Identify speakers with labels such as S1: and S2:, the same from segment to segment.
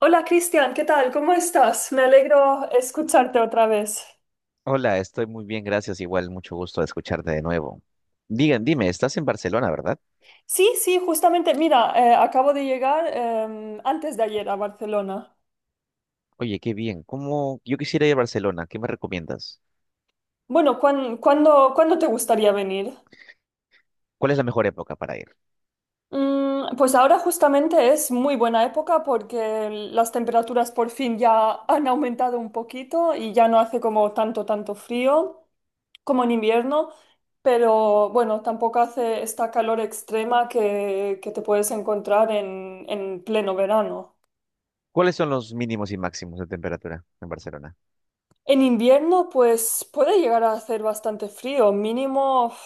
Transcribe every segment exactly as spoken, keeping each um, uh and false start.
S1: Hola, Cristian, ¿qué tal? ¿Cómo estás? Me alegro escucharte otra vez.
S2: Hola, estoy muy bien, gracias. Igual, mucho gusto de escucharte de nuevo. Digan, dime, estás en Barcelona, ¿verdad?
S1: Sí, sí, justamente, mira, eh, acabo de llegar em, antes de ayer a Barcelona.
S2: Oye, qué bien. ¿Cómo? Yo quisiera ir a Barcelona. ¿Qué me recomiendas?
S1: Bueno, ¿cuán- ¿cuándo, cuándo te gustaría venir?
S2: ¿Cuál es la mejor época para ir?
S1: Mm, pues ahora justamente es muy buena época porque las temperaturas por fin ya han aumentado un poquito y ya no hace como tanto, tanto frío, como en invierno, pero bueno, tampoco hace esta calor extrema que, que te puedes encontrar en, en pleno verano.
S2: ¿Cuáles son los mínimos y máximos de temperatura en Barcelona?
S1: En invierno, pues puede llegar a hacer bastante frío, mínimo uf,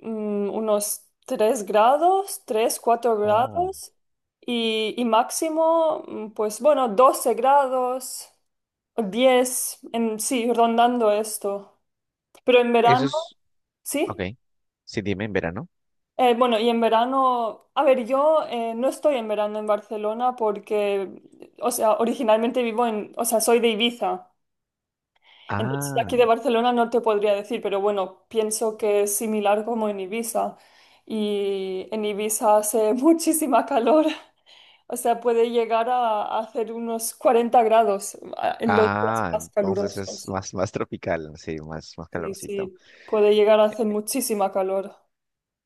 S1: mm, unos tres grados, tres cuatro
S2: Oh,
S1: grados y, y máximo, mm, pues bueno, doce grados, diez en, sí, rondando esto. Pero en
S2: eso
S1: verano,
S2: es. Ok.
S1: ¿sí?
S2: Sí, dime, en verano.
S1: Eh, bueno, y en verano, a ver, yo, eh, no estoy en verano en Barcelona porque, o sea, originalmente vivo en, o sea, soy de Ibiza. Entonces, de aquí
S2: Ah,
S1: de Barcelona no te podría decir, pero bueno, pienso que es similar como en Ibiza. Y en Ibiza hace muchísima calor, o sea, puede llegar a, a hacer unos cuarenta grados a- en los días
S2: ah,
S1: más
S2: entonces es
S1: calurosos.
S2: más, más tropical, sí, más, más
S1: Sí,
S2: calorcito.
S1: sí, puede llegar a hacer muchísima calor.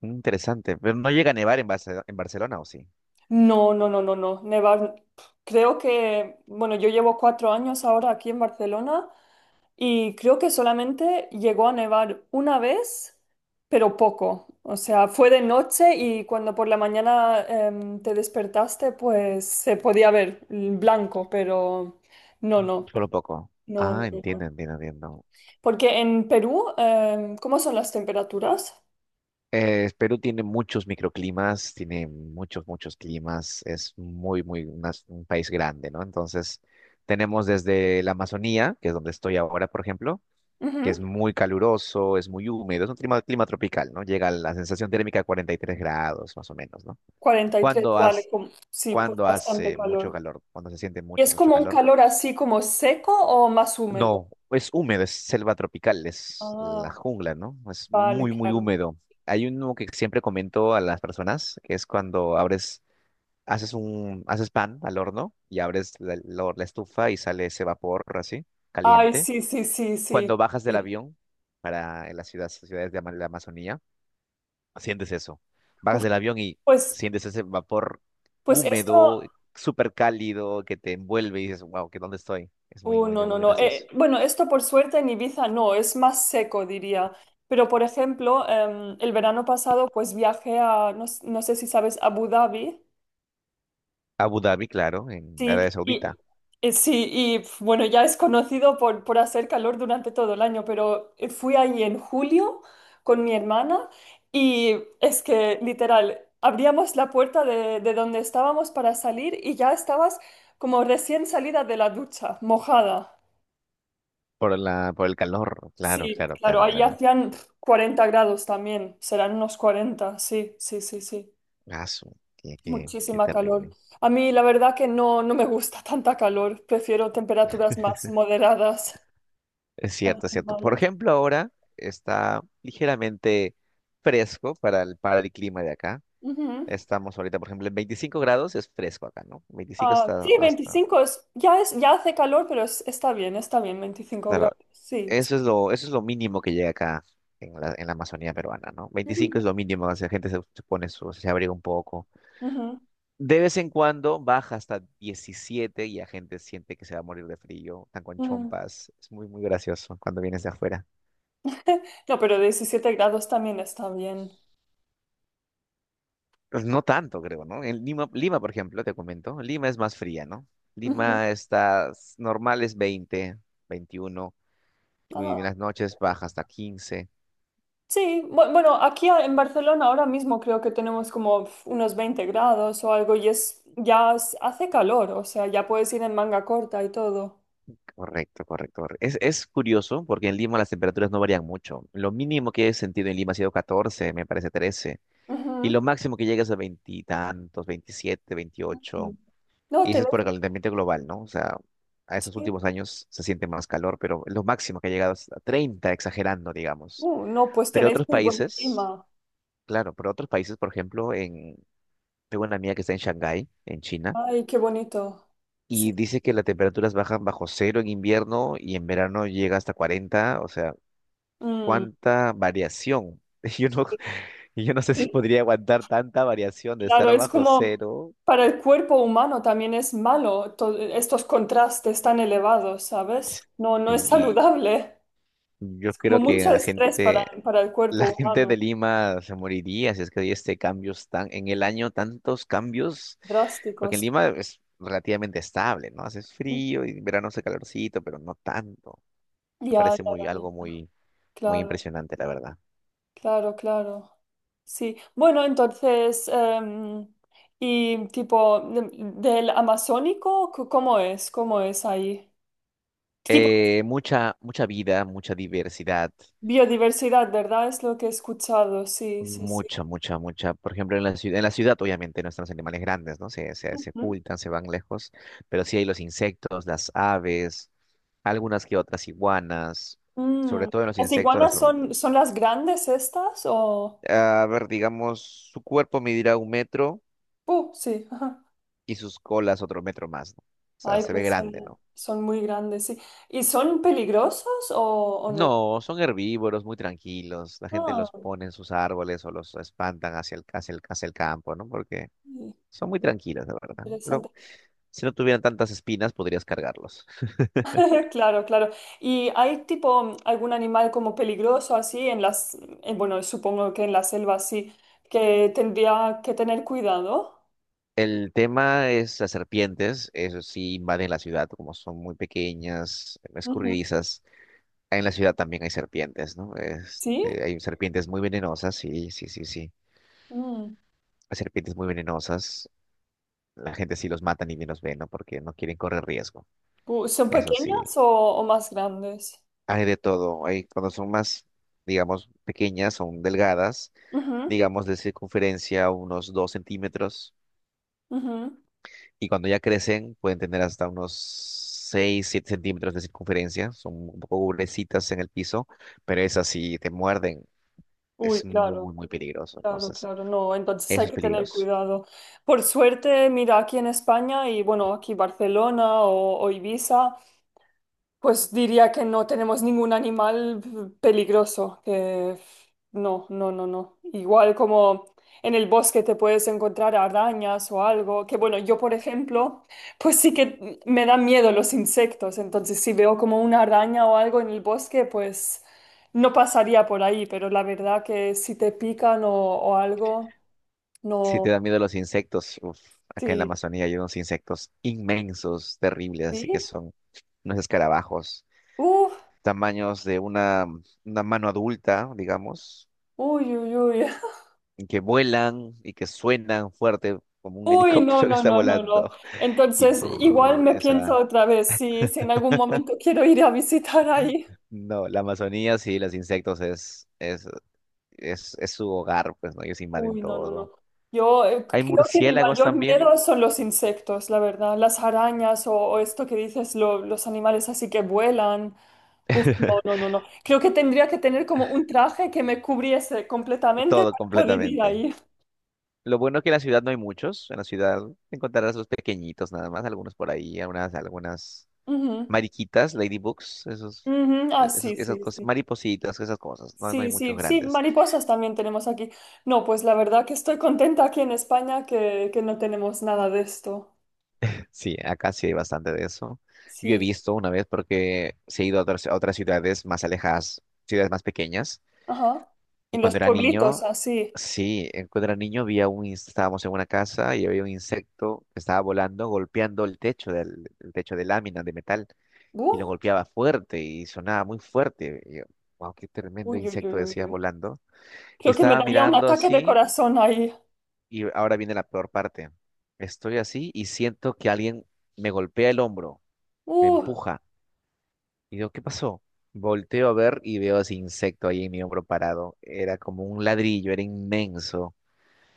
S2: Interesante. Pero no llega a nevar en Barce- en Barcelona, ¿o sí?
S1: No, no, no, no, no. Nevar, creo que, bueno, yo llevo cuatro años ahora aquí en Barcelona y creo que solamente llegó a nevar una vez, pero poco. O sea, fue de noche y cuando por la mañana em, te despertaste, pues se podía ver el blanco, pero no, no,
S2: Solo poco.
S1: no, no,
S2: Ah,
S1: no,
S2: entiendo,
S1: no.
S2: entiendo, entiendo.
S1: Porque en Perú, em, ¿cómo son las temperaturas?
S2: Eh, Perú tiene muchos microclimas, tiene muchos, muchos climas, es muy, muy unas- un país grande, ¿no? Entonces, tenemos desde la Amazonía, que es donde estoy ahora, por ejemplo, que es
S1: Ujú,
S2: muy caluroso, es muy húmedo, es un clima, clima tropical, ¿no? Llega la sensación térmica a cuarenta y tres grados, más o menos, ¿no?
S1: cuarenta y tres,
S2: Cuando
S1: vale,
S2: has,
S1: como- sí, pues
S2: cuando
S1: bastante
S2: hace mucho
S1: calor.
S2: calor, cuando se siente
S1: ¿Y
S2: mucho,
S1: es
S2: mucho
S1: como un
S2: calor.
S1: calor así como seco o más húmedo?
S2: No, es húmedo, es selva tropical, es la
S1: Ah,
S2: jungla, ¿no? Es
S1: vale,
S2: muy, muy
S1: claro.
S2: húmedo. Hay uno que siempre comento a las personas, que es cuando abres, haces un, haces pan al horno y abres la, la- la estufa y sale ese vapor así,
S1: Ay,
S2: caliente.
S1: sí, sí, sí, sí.
S2: Cuando bajas del
S1: Sí.
S2: avión para las ciudades, ciudades de ama- la Amazonía, sientes eso. Bajas
S1: Uf,
S2: del avión y
S1: pues,
S2: sientes ese vapor
S1: pues esto,
S2: húmedo, súper cálido, que te envuelve y dices, wow, ¿qué dónde estoy? Es muy,
S1: uh,
S2: muy,
S1: no, no,
S2: muy
S1: no. Eh,
S2: gracioso.
S1: bueno, esto por suerte en Ibiza no, es más seco, diría. Pero, por ejemplo, em, el verano pasado, pues viajé a, no, s- no sé si sabes, Abu Dhabi.
S2: Abu Dhabi, claro, en
S1: Sí,
S2: Arabia Saudita,
S1: y, eh, sí, y pf, bueno, ya es conocido por, por hacer calor durante todo el año, pero eh, fui ahí en julio con mi hermana y es que literal, abríamos la puerta de, de donde estábamos para salir y ya estabas como recién salida de la ducha, mojada.
S2: por la, por el calor, claro,
S1: Sí,
S2: claro,
S1: claro,
S2: claro,
S1: ahí
S2: claro.
S1: hacían pf, cuarenta grados también, serán unos cuarenta, sí, sí, sí, sí.
S2: Ah, su- qué, qué, qué
S1: Muchísima calor.
S2: terrible.
S1: A mí la verdad que no, no me gusta tanta calor. Prefiero temperaturas más moderadas,
S2: Es
S1: más
S2: cierto, es cierto. Por
S1: normales.
S2: ejemplo, ahora está ligeramente fresco para el, para el clima de acá.
S1: Ujú.
S2: Estamos ahorita, por ejemplo, en veinticinco grados es fresco acá, ¿no? veinticinco
S1: Ah,
S2: está
S1: sí,
S2: hasta,
S1: veinticinco es, ya es, ya hace calor, pero es- está bien, está bien, veinticinco
S2: claro,
S1: grados. Sí.
S2: eso es lo, eso es lo mínimo que llega acá en la, en la Amazonía peruana, ¿no? veinticinco
S1: Ujú,
S2: es lo mínimo, o sea, la gente se, se pone su, se abriga un poco.
S1: ujú,
S2: De vez en cuando baja hasta diecisiete y la gente siente que se va a morir de frío, están con
S1: ujú.
S2: chompas. Es muy, muy gracioso cuando vienes de afuera.
S1: No, pero diecisiete grados también está bien.
S2: Pues no tanto, creo, ¿no? En Lima, Lima, por ejemplo, te comento, Lima es más fría, ¿no?
S1: Ujú.
S2: Lima está, s- normal es veinte, veintiuno. Y
S1: Ah,
S2: en las noches baja hasta quince.
S1: sí, bu- bueno, aquí a- en Barcelona ahora mismo creo que tenemos como pf, unos veinte grados o algo y es, ya es- hace calor, o sea, ya puedes ir en manga corta y todo.
S2: Correcto, correcto, correcto. Es, es curioso porque en Lima las temperaturas no varían mucho. Lo mínimo que he sentido en Lima ha sido catorce, me parece trece. Y
S1: Ujú.
S2: lo máximo que llegas a veintitantos, veintisiete, veintiocho.
S1: No,
S2: Y eso es
S1: tenés,
S2: por el calentamiento global, ¿no? O sea, a esos
S1: sí.
S2: últimos años se siente más calor, pero lo máximo que ha llegado es a treinta, exagerando, digamos.
S1: Uh, no, pues
S2: Pero
S1: tenéis
S2: otros
S1: muy buen
S2: países,
S1: clima.
S2: claro, pero otros países, por ejemplo, en, tengo una amiga que está en Shanghái, en China,
S1: Ay, qué bonito. Sí.
S2: y dice que las temperaturas bajan bajo cero en invierno y en verano llega hasta cuarenta, o sea,
S1: Mm.
S2: ¿cuánta variación? Yo no, yo no sé si
S1: Y,
S2: podría aguantar tanta variación de
S1: claro,
S2: estar
S1: es
S2: bajo
S1: como
S2: cero.
S1: para el cuerpo humano también es malo, to- estos contrastes tan elevados, ¿sabes? No, no es
S2: Sí,
S1: saludable.
S2: y yo
S1: Es como
S2: creo que
S1: mucho
S2: la
S1: estrés para,
S2: gente,
S1: para el cuerpo
S2: la gente de
S1: humano.
S2: Lima se moriría si es que hay este cambios tan en el año tantos cambios, porque en
S1: Drásticos.
S2: Lima es relativamente estable, ¿no? Hace
S1: Mm.
S2: frío y en verano hace calorcito, pero no tanto. Me
S1: Ya, ya,
S2: parece muy
S1: ya, ya.
S2: algo muy muy
S1: Claro.
S2: impresionante, la verdad.
S1: Claro, claro. Sí. Bueno, entonces, em, y tipo de- del Amazónico, c- ¿cómo es? ¿Cómo es ahí? Tipo
S2: Eh, mucha mucha vida, mucha diversidad.
S1: biodiversidad, ¿verdad? Es lo que he escuchado. Sí, sí, sí.
S2: Mucha, mucha, mucha. Por ejemplo, en la ciudad, en la ciudad obviamente no están los animales grandes, ¿no? Se, se, se
S1: Ujú.
S2: ocultan, se van lejos, pero sí hay los insectos, las aves, algunas que otras iguanas,
S1: Mm.
S2: sobre todo en los
S1: ¿Las
S2: insectos, las
S1: iguanas
S2: hormigas.
S1: son, son las grandes estas o...?
S2: A ver, digamos, su cuerpo medirá un metro
S1: Uh, sí, ajá.
S2: y sus colas otro metro más, ¿no? O sea,
S1: Ay,
S2: se ve
S1: pues son,
S2: grande, ¿no?
S1: son muy grandes, sí. ¿Y son peligrosos o, o no?
S2: No, son herbívoros, muy tranquilos. La gente
S1: Ah,
S2: los
S1: ok,
S2: pone en sus árboles o los espantan hacia el, hacia el, hacia el campo, ¿no? Porque son muy tranquilos, de verdad, ¿no? Lo,
S1: interesante.
S2: si no tuvieran tantas espinas, podrías cargarlos.
S1: Claro, claro. ¿Y hay tipo algún animal como peligroso así en las, eh, bueno, supongo que en la selva sí, que tendría que tener cuidado?
S2: El tema es las serpientes, eso sí invaden la ciudad, como son muy pequeñas,
S1: Ujú.
S2: escurridizas. En la ciudad también hay serpientes, ¿no?
S1: ¿Sí?
S2: Este, hay serpientes muy venenosas, sí, sí, sí, sí.
S1: Mm.
S2: Hay serpientes muy venenosas. La gente sí los mata ni bien los ve, ¿no? Porque no quieren correr riesgo.
S1: Uh, ¿son
S2: Eso sí.
S1: pequeñas o, o más grandes?
S2: Hay de todo. Hay, cuando son más, digamos, pequeñas, son delgadas,
S1: Ujú,
S2: digamos, de circunferencia unos dos centímetros.
S1: ujú.
S2: Y cuando ya crecen, pueden tener hasta unos seis siete centímetros de circunferencia. Son un poco gruesitas en el piso, pero esas si te muerden.
S1: Uy,
S2: Es muy,
S1: claro,
S2: muy peligroso.
S1: claro,
S2: Entonces,
S1: claro. No, entonces
S2: eso
S1: hay
S2: es
S1: que tener
S2: peligroso.
S1: cuidado. Por suerte, mira, aquí en España y bueno, aquí Barcelona o, o Ibiza. Pues diría que no tenemos ningún animal peligroso, que no, no, no, no. Igual como en el bosque te puedes encontrar arañas o algo, que bueno, yo por ejemplo, pues sí que me dan miedo los insectos, entonces si veo como una araña o algo en el bosque, pues no pasaría por ahí, pero la verdad que si te pican o, o algo,
S2: Si te
S1: no,
S2: da miedo los insectos, uf, acá en la
S1: sí,
S2: Amazonía hay unos insectos inmensos, terribles,
S1: sí,
S2: así que son unos escarabajos,
S1: uff,
S2: tamaños de una, una mano adulta, digamos,
S1: uy, uy, uy.
S2: y que vuelan y que suenan fuerte como un
S1: Uy, no,
S2: helicóptero que
S1: no,
S2: está
S1: no, no, no.
S2: volando. Y
S1: Entonces, igual
S2: brrr,
S1: me
S2: o
S1: pienso
S2: sea,
S1: otra vez si, si en algún momento quiero ir a visitar ahí.
S2: no, la Amazonía sí, los insectos es, es, es, es su hogar, pues, ¿no? Ellos invaden
S1: Uy, no, no, no.
S2: todo.
S1: Yo, eh,
S2: Hay
S1: creo que mi
S2: murciélagos
S1: mayor
S2: también,
S1: miedo son los insectos, la verdad. Las arañas o, o esto que dices, lo- los animales así que vuelan. Uf, no, no, no, no. Creo que tendría que tener como un traje que me cubriese completamente
S2: todo
S1: para poder ir
S2: completamente.
S1: ahí.
S2: Lo bueno es que en la ciudad no hay muchos. En la ciudad encontrarás los pequeñitos nada más, algunos por ahí, algunas, algunas
S1: Ujú,
S2: mariquitas, ladybugs, esos,
S1: ujú. Ah,
S2: e-, esas,
S1: sí,
S2: esas
S1: sí,
S2: cosas,
S1: sí.
S2: maripositas, esas cosas. No, no hay
S1: Sí,
S2: muchos
S1: sí, sí,
S2: grandes.
S1: mariposas también tenemos aquí. No, pues la verdad que estoy contenta aquí en España que, que no tenemos nada de esto.
S2: Sí, acá sí hay bastante de eso. Yo he
S1: Sí,
S2: visto una vez porque se he ido a otras, a otras ciudades más alejadas, ciudades más pequeñas.
S1: ajá.
S2: Y
S1: En los
S2: cuando era
S1: pueblitos,
S2: niño,
S1: así.
S2: sí, eh, cuando era niño había un, ins- estábamos en una casa y había un insecto que estaba volando, golpeando el techo del, el techo de lámina de metal y
S1: Uh,
S2: lo golpeaba fuerte y sonaba muy fuerte. Y yo, wow, qué tremendo
S1: uy, uy, uy,
S2: insecto
S1: uy,
S2: decía
S1: uy.
S2: volando. Y
S1: Creo que me
S2: estaba
S1: daría un
S2: mirando
S1: ataque de
S2: así,
S1: corazón ahí.
S2: y ahora viene la peor parte. Estoy así y siento que alguien me golpea el hombro, me
S1: Uh,
S2: empuja. Y digo, ¿qué pasó? Volteo a ver y veo ese insecto ahí en mi hombro parado. Era como un ladrillo, era inmenso,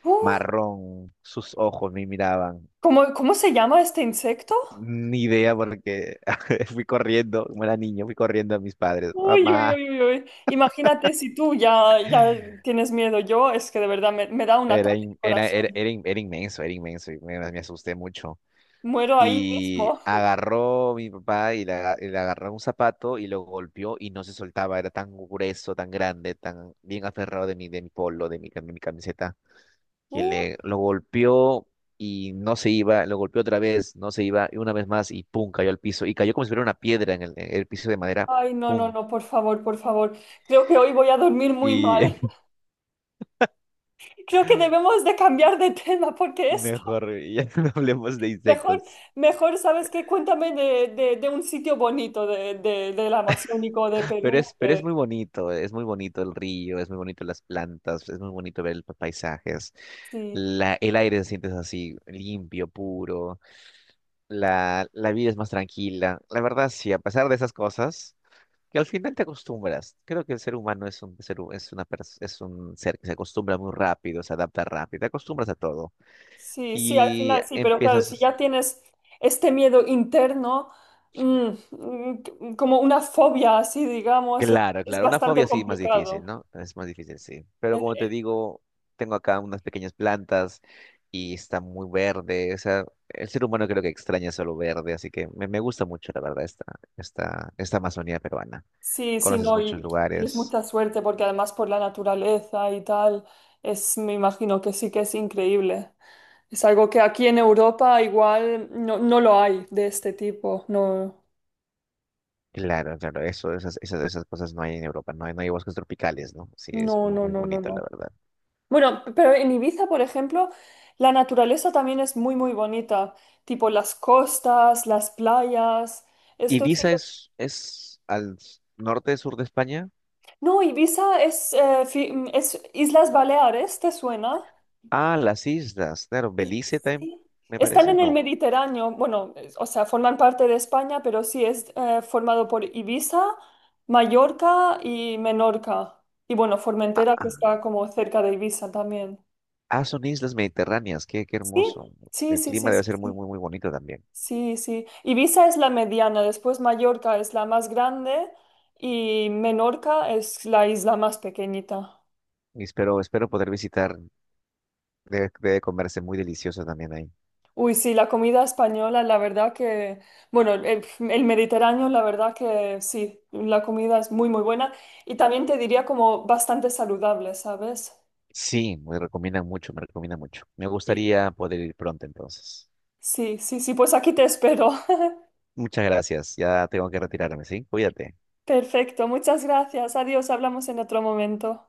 S1: uh.
S2: marrón, sus ojos me miraban.
S1: ¿Cómo, cómo se llama este insecto?
S2: Ni idea porque fui corriendo, como era niño, fui corriendo a mis padres.
S1: Uy, uy,
S2: Mamá,
S1: uy, uy, uy. Imagínate si tú ya, ya tienes miedo. Yo es que de verdad me, me da un
S2: era,
S1: ataque de
S2: in- era, era,
S1: corazón.
S2: era, in- era inmenso, era inmenso y me, me asusté mucho.
S1: Muero ahí
S2: Y
S1: mismo.
S2: agarró mi papá y le, aga- y le agarró un zapato y lo golpeó y no se soltaba, era tan grueso, tan grande, tan bien aferrado de mi, de mi polo, de mi, cam- mi camiseta. Que le lo golpeó y no se iba, lo golpeó otra vez, no se iba, y una vez más, y pum, cayó al piso, y cayó como si fuera una piedra en el, en el piso de madera,
S1: Ay, no, no,
S2: pum.
S1: no, por favor, por favor. Creo que hoy voy a dormir muy
S2: Y
S1: mal. Creo que debemos de cambiar de tema porque esto,
S2: mejor, ya no hablemos de
S1: mejor,
S2: insectos.
S1: mejor, ¿sabes qué? Cuéntame de, de, de un sitio bonito de, de, del Amazónico, de
S2: Pero
S1: Perú.
S2: es, pero es
S1: de-
S2: muy bonito, es muy bonito el río, es muy bonito las plantas, es muy bonito ver los paisajes.
S1: Sí,
S2: La, el aire se siente así, limpio, puro. La, la vida es más tranquila. La verdad, sí, a pesar de esas cosas, que al final te acostumbras. Creo que el ser humano es un ser, hu- es una pers- es un ser que se acostumbra muy rápido, se adapta rápido, te acostumbras a todo.
S1: sí, sí, al
S2: Y
S1: final sí, pero claro, si
S2: empiezas,
S1: ya tienes este miedo interno, mm, mm, como una fobia así, digamos, es
S2: claro,
S1: es
S2: claro, una
S1: bastante
S2: fobia sí más difícil,
S1: complicado.
S2: ¿no? Es más difícil, sí. Pero como te digo, tengo acá unas pequeñas plantas y está muy verde. O sea, el ser humano creo que extraña solo verde, así que me, me gusta mucho, la verdad, esta, esta, esta Amazonía peruana.
S1: Sí, sí,
S2: Conoces
S1: no,
S2: muchos
S1: y tienes
S2: lugares.
S1: mucha suerte porque además por la naturaleza y tal, es, me imagino que sí que es increíble. Es algo que aquí en Europa igual no, no lo hay de este tipo. No,
S2: Claro, claro, eso, esas, esas, esas cosas no hay en Europa, no hay, no hay bosques tropicales, ¿no? Sí, es
S1: no,
S2: muy,
S1: no,
S2: muy
S1: no, no,
S2: bonito, la
S1: no.
S2: verdad.
S1: Bueno, pero en Ibiza, por ejemplo, la naturaleza también es muy, muy bonita. Tipo las costas, las playas. Esto sí
S2: Ibiza
S1: que...
S2: es, es al s- norte, sur de España.
S1: No, Ibiza es, eh, fi- es Islas Baleares, ¿te suena?
S2: Ah, las islas, claro, Belice también, me
S1: Están
S2: parece,
S1: en el
S2: no.
S1: Mediterráneo, bueno, es- o sea, forman parte de España, pero sí es eh, formado por Ibiza, Mallorca y Menorca. Y bueno,
S2: Ah,
S1: Formentera, que
S2: ah,
S1: está como cerca de Ibiza también.
S2: ah, son islas mediterráneas, qué, qué
S1: ¿Sí?
S2: hermoso.
S1: Sí,
S2: El
S1: sí,
S2: clima
S1: sí,
S2: debe
S1: sí,
S2: ser muy,
S1: sí.
S2: muy, muy bonito también.
S1: Sí, sí. Ibiza es la mediana, después Mallorca es la más grande y Menorca es la isla más pequeñita.
S2: Y espero, espero poder visitar, debe, debe comerse muy delicioso también ahí.
S1: Uy, sí, la comida española, la verdad que, bueno, el, el Mediterráneo, la verdad que sí, la comida es muy, muy buena y también te diría como bastante saludable, ¿sabes?
S2: Sí, me recomiendan mucho, me recomiendan mucho. Me
S1: Sí.
S2: gustaría poder ir pronto entonces.
S1: Sí, sí, sí, pues aquí te espero.
S2: Muchas gracias, ya tengo que retirarme, ¿sí? Cuídate.
S1: Perfecto, muchas gracias. Adiós, hablamos en otro momento.